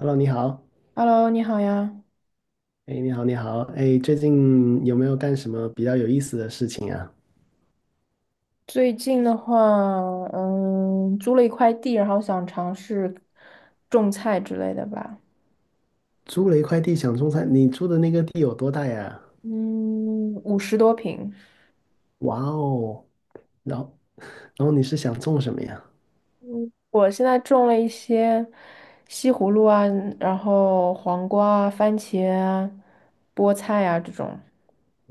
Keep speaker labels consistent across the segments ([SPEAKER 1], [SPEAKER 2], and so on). [SPEAKER 1] Hello，你好，
[SPEAKER 2] Hello，你好呀。
[SPEAKER 1] 哎，你好，你好，哎，最近有没有干什么比较有意思的事情啊？
[SPEAKER 2] 最近的话，租了一块地，然后想尝试种菜之类的吧。
[SPEAKER 1] 租了一块地想种菜，你租的那个地有多大呀？
[SPEAKER 2] 嗯，50多平。
[SPEAKER 1] 哇哦，然后你是想种什么呀？
[SPEAKER 2] 我现在种了一些西葫芦啊，然后黄瓜啊、番茄啊、菠菜啊这种。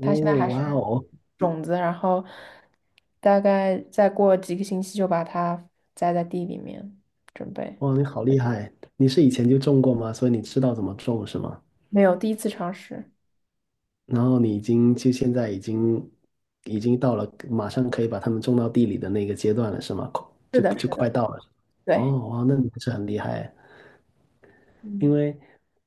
[SPEAKER 2] 它现在还是
[SPEAKER 1] 哇哦，
[SPEAKER 2] 种子，然后大概再过几个星期就把它栽在地里面，准备。
[SPEAKER 1] 哇，你好厉害！你是以前就种过吗？所以你知道怎么种是吗？
[SPEAKER 2] 没有，第一次尝试。
[SPEAKER 1] 然后你已经就现在已经到了马上可以把它们种到地里的那个阶段了是吗？
[SPEAKER 2] 是
[SPEAKER 1] 就
[SPEAKER 2] 的，
[SPEAKER 1] 就
[SPEAKER 2] 是
[SPEAKER 1] 快
[SPEAKER 2] 的，
[SPEAKER 1] 到了。
[SPEAKER 2] 对。
[SPEAKER 1] 哦，哇，那你还是很厉害。因
[SPEAKER 2] 嗯。
[SPEAKER 1] 为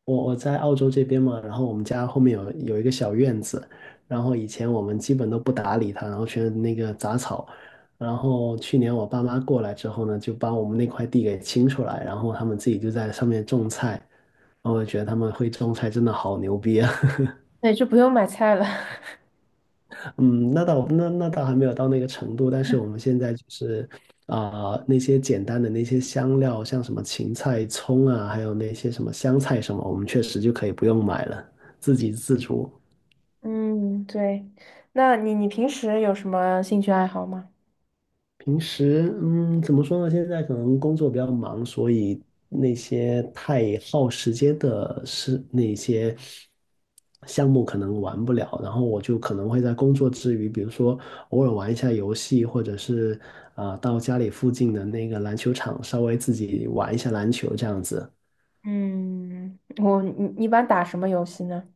[SPEAKER 1] 我在澳洲这边嘛，然后我们家后面有一个小院子，然后以前我们基本都不打理它，然后全是那个杂草。然后去年我爸妈过来之后呢，就把我们那块地给清出来，然后他们自己就在上面种菜。然后我觉得他们会种菜真的好牛逼啊！
[SPEAKER 2] 对，就不用买菜了。
[SPEAKER 1] 嗯，那倒那倒还没有到那个程度，但是我们现在就是那些简单的那些香料，像什么芹菜、葱啊，还有那些什么香菜什么，我们确实就可以不用买了，自给自足。
[SPEAKER 2] 嗯，对。那你平时有什么兴趣爱好吗？
[SPEAKER 1] 平时，嗯，怎么说呢？现在可能工作比较忙，所以那些太耗时间的事，那些项目可能玩不了。然后我就可能会在工作之余，比如说偶尔玩一下游戏，或者是到家里附近的那个篮球场稍微自己玩一下篮球这样子。
[SPEAKER 2] 嗯，我你你一般打什么游戏呢？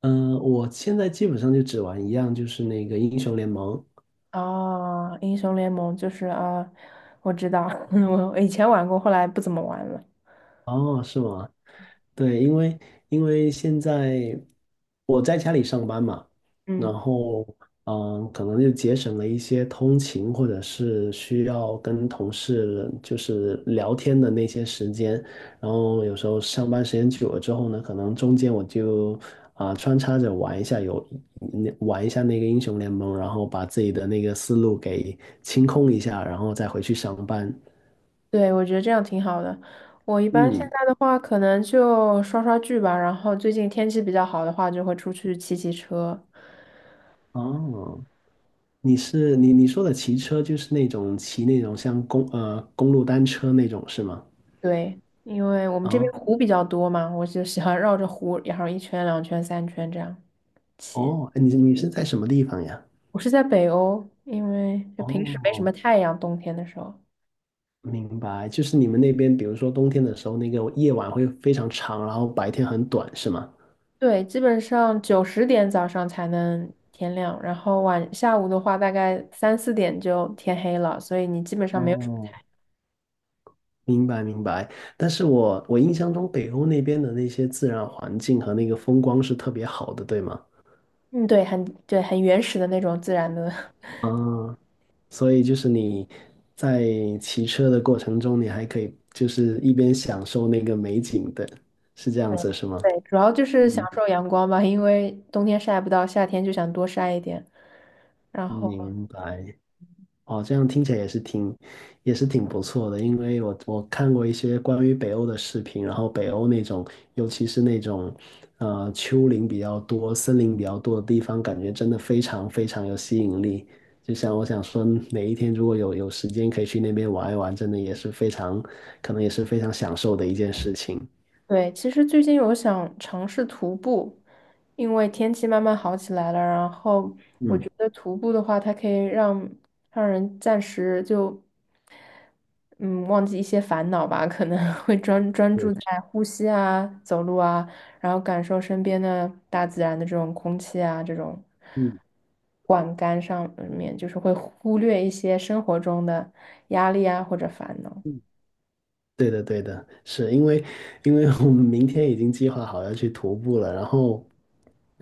[SPEAKER 1] 嗯、我现在基本上就只玩一样，就是那个英雄联盟。
[SPEAKER 2] 哦，英雄联盟就是啊，我知道，我以前玩过，后来不怎么玩了。
[SPEAKER 1] 哦，是吗？对，因为现在我在家里上班嘛，然
[SPEAKER 2] 嗯，
[SPEAKER 1] 后嗯，可能就节省了一些通勤或者是需要跟同事就是聊天的那些时间，然后有时候上班时间久了之后呢，可能中间我就穿插着玩一下那个英雄联盟，然后把自己的那个思路给清空一下，然后再回去上班。
[SPEAKER 2] 对，我觉得这样挺好的。我一般现
[SPEAKER 1] 嗯，
[SPEAKER 2] 在的话，可能就刷刷剧吧，然后最近天气比较好的话，就会出去骑骑车。
[SPEAKER 1] 哦。你是你说的骑车就是那种骑那种像公路单车那种是吗？
[SPEAKER 2] 对，因为我们这边
[SPEAKER 1] 啊
[SPEAKER 2] 湖比较多嘛，我就喜欢绕着湖，然后一圈、两圈、三圈这样起。
[SPEAKER 1] 哦，哎你是在什么地方呀？
[SPEAKER 2] 我是在北欧，因为就平时没什
[SPEAKER 1] 哦，
[SPEAKER 2] 么太阳，冬天的时候，
[SPEAKER 1] 明白，就是你们那边，比如说冬天的时候，那个夜晚会非常长，然后白天很短，是吗？
[SPEAKER 2] 对，基本上九十点早上才能天亮，然后晚下午的话，大概三四点就天黑了，所以你基本上没有什么太
[SPEAKER 1] 哦，
[SPEAKER 2] 阳。
[SPEAKER 1] 明白明白。但是我印象中北欧那边的那些自然环境和那个风光是特别好的，对吗？
[SPEAKER 2] 嗯，对，很对，很原始的那种自然的。
[SPEAKER 1] 嗯，所以就是你在骑车的过程中，你还可以就是一边享受那个美景的，是这样
[SPEAKER 2] 对
[SPEAKER 1] 子是吗？
[SPEAKER 2] 对，主要就是享
[SPEAKER 1] 嗯，
[SPEAKER 2] 受阳光吧，因为冬天晒不到，夏天就想多晒一点。然后
[SPEAKER 1] 明白。哦，这样听起来也是挺，也是挺不错的。因为我看过一些关于北欧的视频，然后北欧那种，尤其是那种，呃，丘陵比较多、森林比较多的地方，感觉真的非常非常有吸引力。就像我想说，哪一天如果有时间可以去那边玩一玩，真的也是非常，可能也是非常享受的一件事情。
[SPEAKER 2] 对，其实最近有想尝试徒步，因为天气慢慢好起来了，然后我
[SPEAKER 1] 嗯，
[SPEAKER 2] 觉得徒步的话，它可以让人暂时就嗯忘记一些烦恼吧，可能 会专注
[SPEAKER 1] 对，
[SPEAKER 2] 在呼吸啊、走路啊，然后感受身边的大自然的这种空气啊、这种
[SPEAKER 1] 嗯。
[SPEAKER 2] 管干上面，就是会忽略一些生活中的压力啊或者烦恼。
[SPEAKER 1] 嗯对的，对的，是因为我们明天已经计划好要去徒步了，然后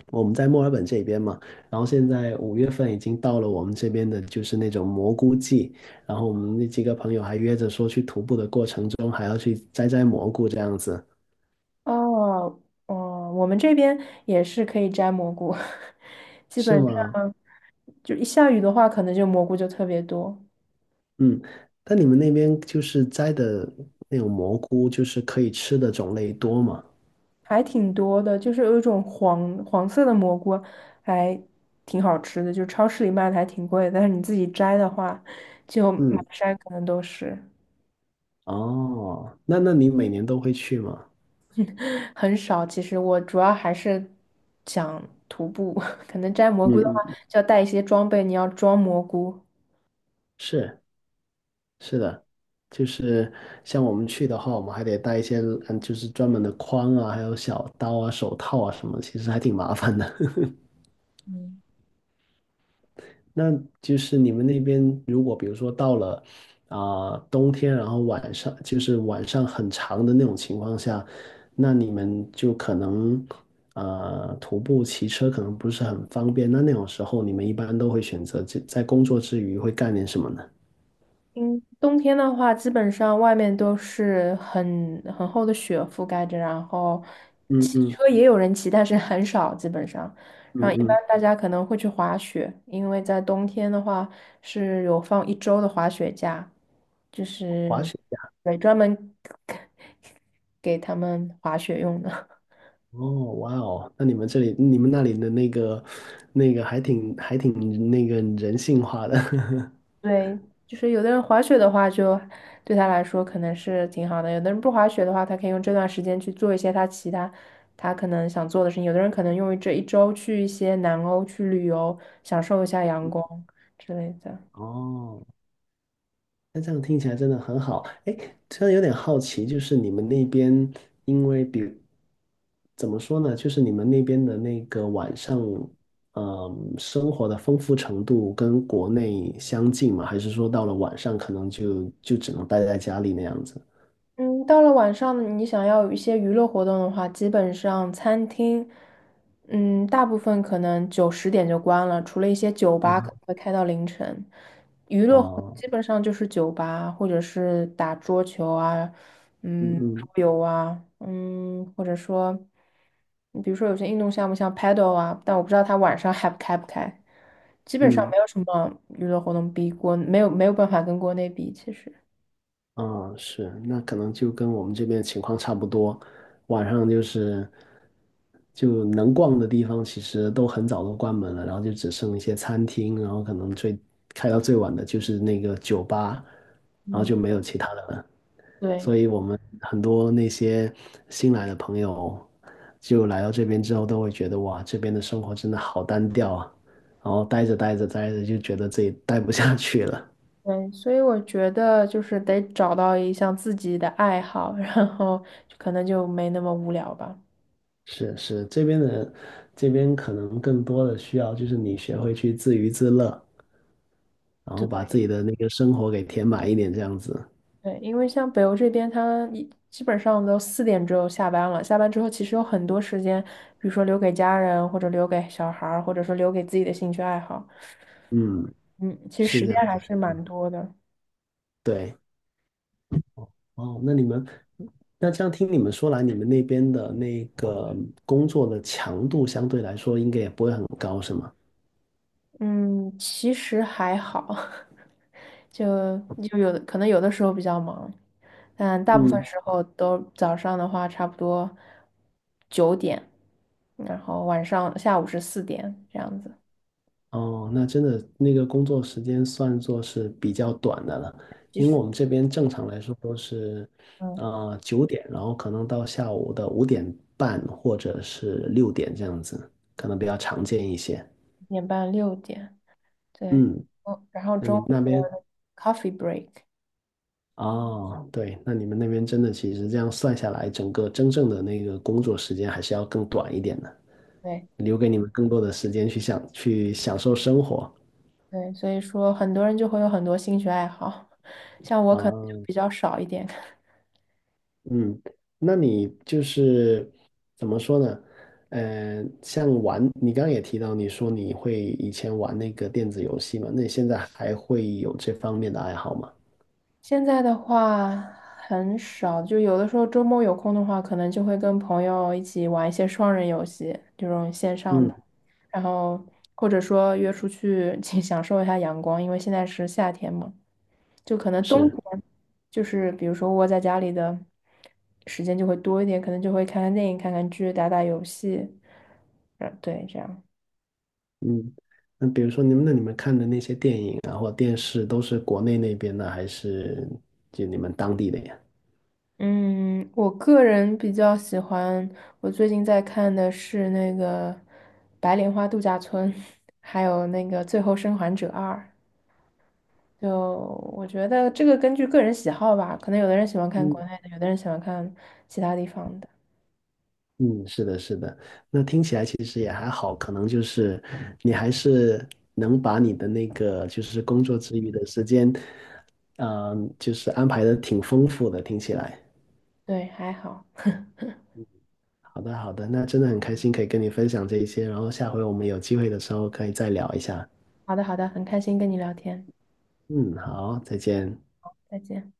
[SPEAKER 1] 我们在墨尔本这边嘛，然后现在五月份已经到了我们这边的就是那种蘑菇季，然后我们那几个朋友还约着说去徒步的过程中还要去摘摘蘑菇这样子，
[SPEAKER 2] 哦，哦，我们这边也是可以摘蘑菇，基本
[SPEAKER 1] 是
[SPEAKER 2] 上
[SPEAKER 1] 吗？
[SPEAKER 2] 就一下雨的话，可能就蘑菇就特别多，
[SPEAKER 1] 嗯，那你们那边就是摘的那种蘑菇，就是可以吃的种类多吗？
[SPEAKER 2] 还挺多的，就是有一种黄黄色的蘑菇，还挺好吃的，就超市里卖的还挺贵的但是你自己摘的话，就满
[SPEAKER 1] 嗯，
[SPEAKER 2] 山可能都是，
[SPEAKER 1] 哦，那那你每年都会去吗？
[SPEAKER 2] 很少。其实我主要还是想徒步，可能摘蘑菇的
[SPEAKER 1] 嗯
[SPEAKER 2] 话，
[SPEAKER 1] 嗯，
[SPEAKER 2] 就要带一些装备，你要装蘑菇。
[SPEAKER 1] 是。是的，就是像我们去的话，我们还得带一些嗯，就是专门的筐啊，还有小刀啊、手套啊什么，其实还挺麻烦的。
[SPEAKER 2] 嗯
[SPEAKER 1] 那就是你们那边，如果比如说到了冬天，然后晚上就是晚上很长的那种情况下，那你们就可能呃徒步、骑车可能不是很方便。那那种时候，你们一般都会选择在工作之余会干点什么呢？
[SPEAKER 2] 嗯，冬天的话，基本上外面都是很厚的雪覆盖着，然后
[SPEAKER 1] 嗯
[SPEAKER 2] 骑
[SPEAKER 1] 嗯
[SPEAKER 2] 车也有人骑，但是很少，基本上。
[SPEAKER 1] 嗯
[SPEAKER 2] 然后一般
[SPEAKER 1] 嗯，
[SPEAKER 2] 大家可能会去滑雪，因为在冬天的话是有放一周的滑雪假，就
[SPEAKER 1] 滑
[SPEAKER 2] 是
[SPEAKER 1] 雪。
[SPEAKER 2] 对专门 给他们滑雪用的。
[SPEAKER 1] 哦，哇哦，那你们这里、你们那里的那个、那个还挺、还挺那个人性化的。
[SPEAKER 2] 对，就是有的人滑雪的话就，对他来说可能是挺好的；有的人不滑雪的话，他可以用这段时间去做一些他其他可能想做的事情；有的人可能用于这一周去一些南欧去旅游，享受一下阳光之类的。
[SPEAKER 1] 哦，那这样听起来真的很好。哎，突然有点好奇，就是你们那边，因为比怎么说呢，就是你们那边的那个晚上，嗯，生活的丰富程度跟国内相近吗？还是说到了晚上可能就只能待在家里那样子？
[SPEAKER 2] 嗯，到了晚上，你想要有一些娱乐活动的话，基本上餐厅，嗯，大部分可能九十点就关了，除了一些酒吧可
[SPEAKER 1] 啊，
[SPEAKER 2] 能会开到凌晨。娱乐活动
[SPEAKER 1] 哦，
[SPEAKER 2] 基本上就是酒吧，或者是打桌球啊，
[SPEAKER 1] 嗯
[SPEAKER 2] 嗯，桌
[SPEAKER 1] 嗯
[SPEAKER 2] 游啊，嗯，或者说，比如说有些运动项目像 paddle 啊，但我不知道它晚上还开不开。基本上
[SPEAKER 1] 嗯，
[SPEAKER 2] 没有什么娱乐活动比国，没有办法跟国内比，其实，
[SPEAKER 1] 嗯，是，那可能就跟我们这边情况差不多。晚上就是就能逛的地方，其实都很早都关门了，然后就只剩一些餐厅，然后可能开到最晚的就是那个酒吧，然后
[SPEAKER 2] 嗯，
[SPEAKER 1] 就没有其他的了。所
[SPEAKER 2] 对。
[SPEAKER 1] 以我们很多那些新来的朋友，就来到这边之后，都会觉得哇，这边的生活真的好单调啊，然后待着就觉得自己待不下去了。
[SPEAKER 2] 对，所以我觉得就是得找到一项自己的爱好，然后就可能就没那么无聊吧。
[SPEAKER 1] 是是，这边的可能更多的需要就是你学会去自娱自乐，然后把
[SPEAKER 2] 对
[SPEAKER 1] 自己的那个生活给填满一点，这样子。
[SPEAKER 2] 对，因为像北欧这边，他一基本上都四点之后下班了，下班之后其实有很多时间，比如说留给家人，或者留给小孩儿，或者说留给自己的兴趣爱好。
[SPEAKER 1] 嗯，
[SPEAKER 2] 嗯，其实
[SPEAKER 1] 是
[SPEAKER 2] 时
[SPEAKER 1] 这
[SPEAKER 2] 间
[SPEAKER 1] 样
[SPEAKER 2] 还
[SPEAKER 1] 子。
[SPEAKER 2] 是蛮多的。
[SPEAKER 1] 对，哦，那你们，那这样听你们说来，你们那边的那个工作的强度相对来说应该也不会很高，是吗？
[SPEAKER 2] 嗯，其实还好。就有的可能有的时候比较忙，但大部分
[SPEAKER 1] 嗯
[SPEAKER 2] 时候都早上的话差不多9点，然后晚上下午是四点这样子，
[SPEAKER 1] 哦，那真的那个工作时间算作是比较短的了，
[SPEAKER 2] 其
[SPEAKER 1] 因为
[SPEAKER 2] 实，
[SPEAKER 1] 我们这边正常来说都是，
[SPEAKER 2] 嗯，
[SPEAKER 1] 呃，九点，然后可能到下午的五点半或者是六点这样子，可能比较常见一些。
[SPEAKER 2] 5点半6点，对，
[SPEAKER 1] 嗯，
[SPEAKER 2] 嗯，然后
[SPEAKER 1] 那
[SPEAKER 2] 中
[SPEAKER 1] 你
[SPEAKER 2] 午
[SPEAKER 1] 们那边
[SPEAKER 2] 的 coffee break，
[SPEAKER 1] 哦，对，那你们那边真的其实这样算下来，整个真正的那个工作时间还是要更短一点的，
[SPEAKER 2] 对
[SPEAKER 1] 留给你们更多的时间去享受生活。
[SPEAKER 2] 对，所以说很多人就会有很多兴趣爱好，像我可能就比
[SPEAKER 1] 啊。
[SPEAKER 2] 较少一点，
[SPEAKER 1] 嗯，那你就是怎么说呢？呃，像玩，你刚刚也提到，你说你会以前玩那个电子游戏嘛？那你现在还会有这方面的爱好吗？
[SPEAKER 2] 现在的话很少，就有的时候周末有空的话，可能就会跟朋友一起玩一些双人游戏，这种线上的，
[SPEAKER 1] 嗯，
[SPEAKER 2] 然后或者说约出去 请享受一下阳光，因为现在是夏天嘛，就可能冬
[SPEAKER 1] 是，
[SPEAKER 2] 天就是比如说窝在家里的时间就会多一点，可能就会看看电影、看看剧、打打游戏，嗯，对，这样。
[SPEAKER 1] 嗯，那比如说你们看的那些电影啊，或电视，都是国内那边的，还是就你们当地的呀？
[SPEAKER 2] 嗯，我个人比较喜欢，我最近在看的是那个《白莲花度假村》，还有那个《最后生还者二》。就我觉得这个根据个人喜好吧，可能有的人喜欢看国
[SPEAKER 1] 嗯
[SPEAKER 2] 内的，有的人喜欢看其他地方的。
[SPEAKER 1] 嗯，是的，是的。那听起来其实也还好，可能就是你还是能把你的那个就是工作之余的时间。嗯，就是安排的挺丰富的，听起来。
[SPEAKER 2] 对，还好。
[SPEAKER 1] 好的，好的，那真的很开心可以跟你分享这一些，然后下回我们有机会的时候可以再聊一下。
[SPEAKER 2] 好的，好的，很开心跟你聊天，
[SPEAKER 1] 嗯，好，再见。
[SPEAKER 2] 再见。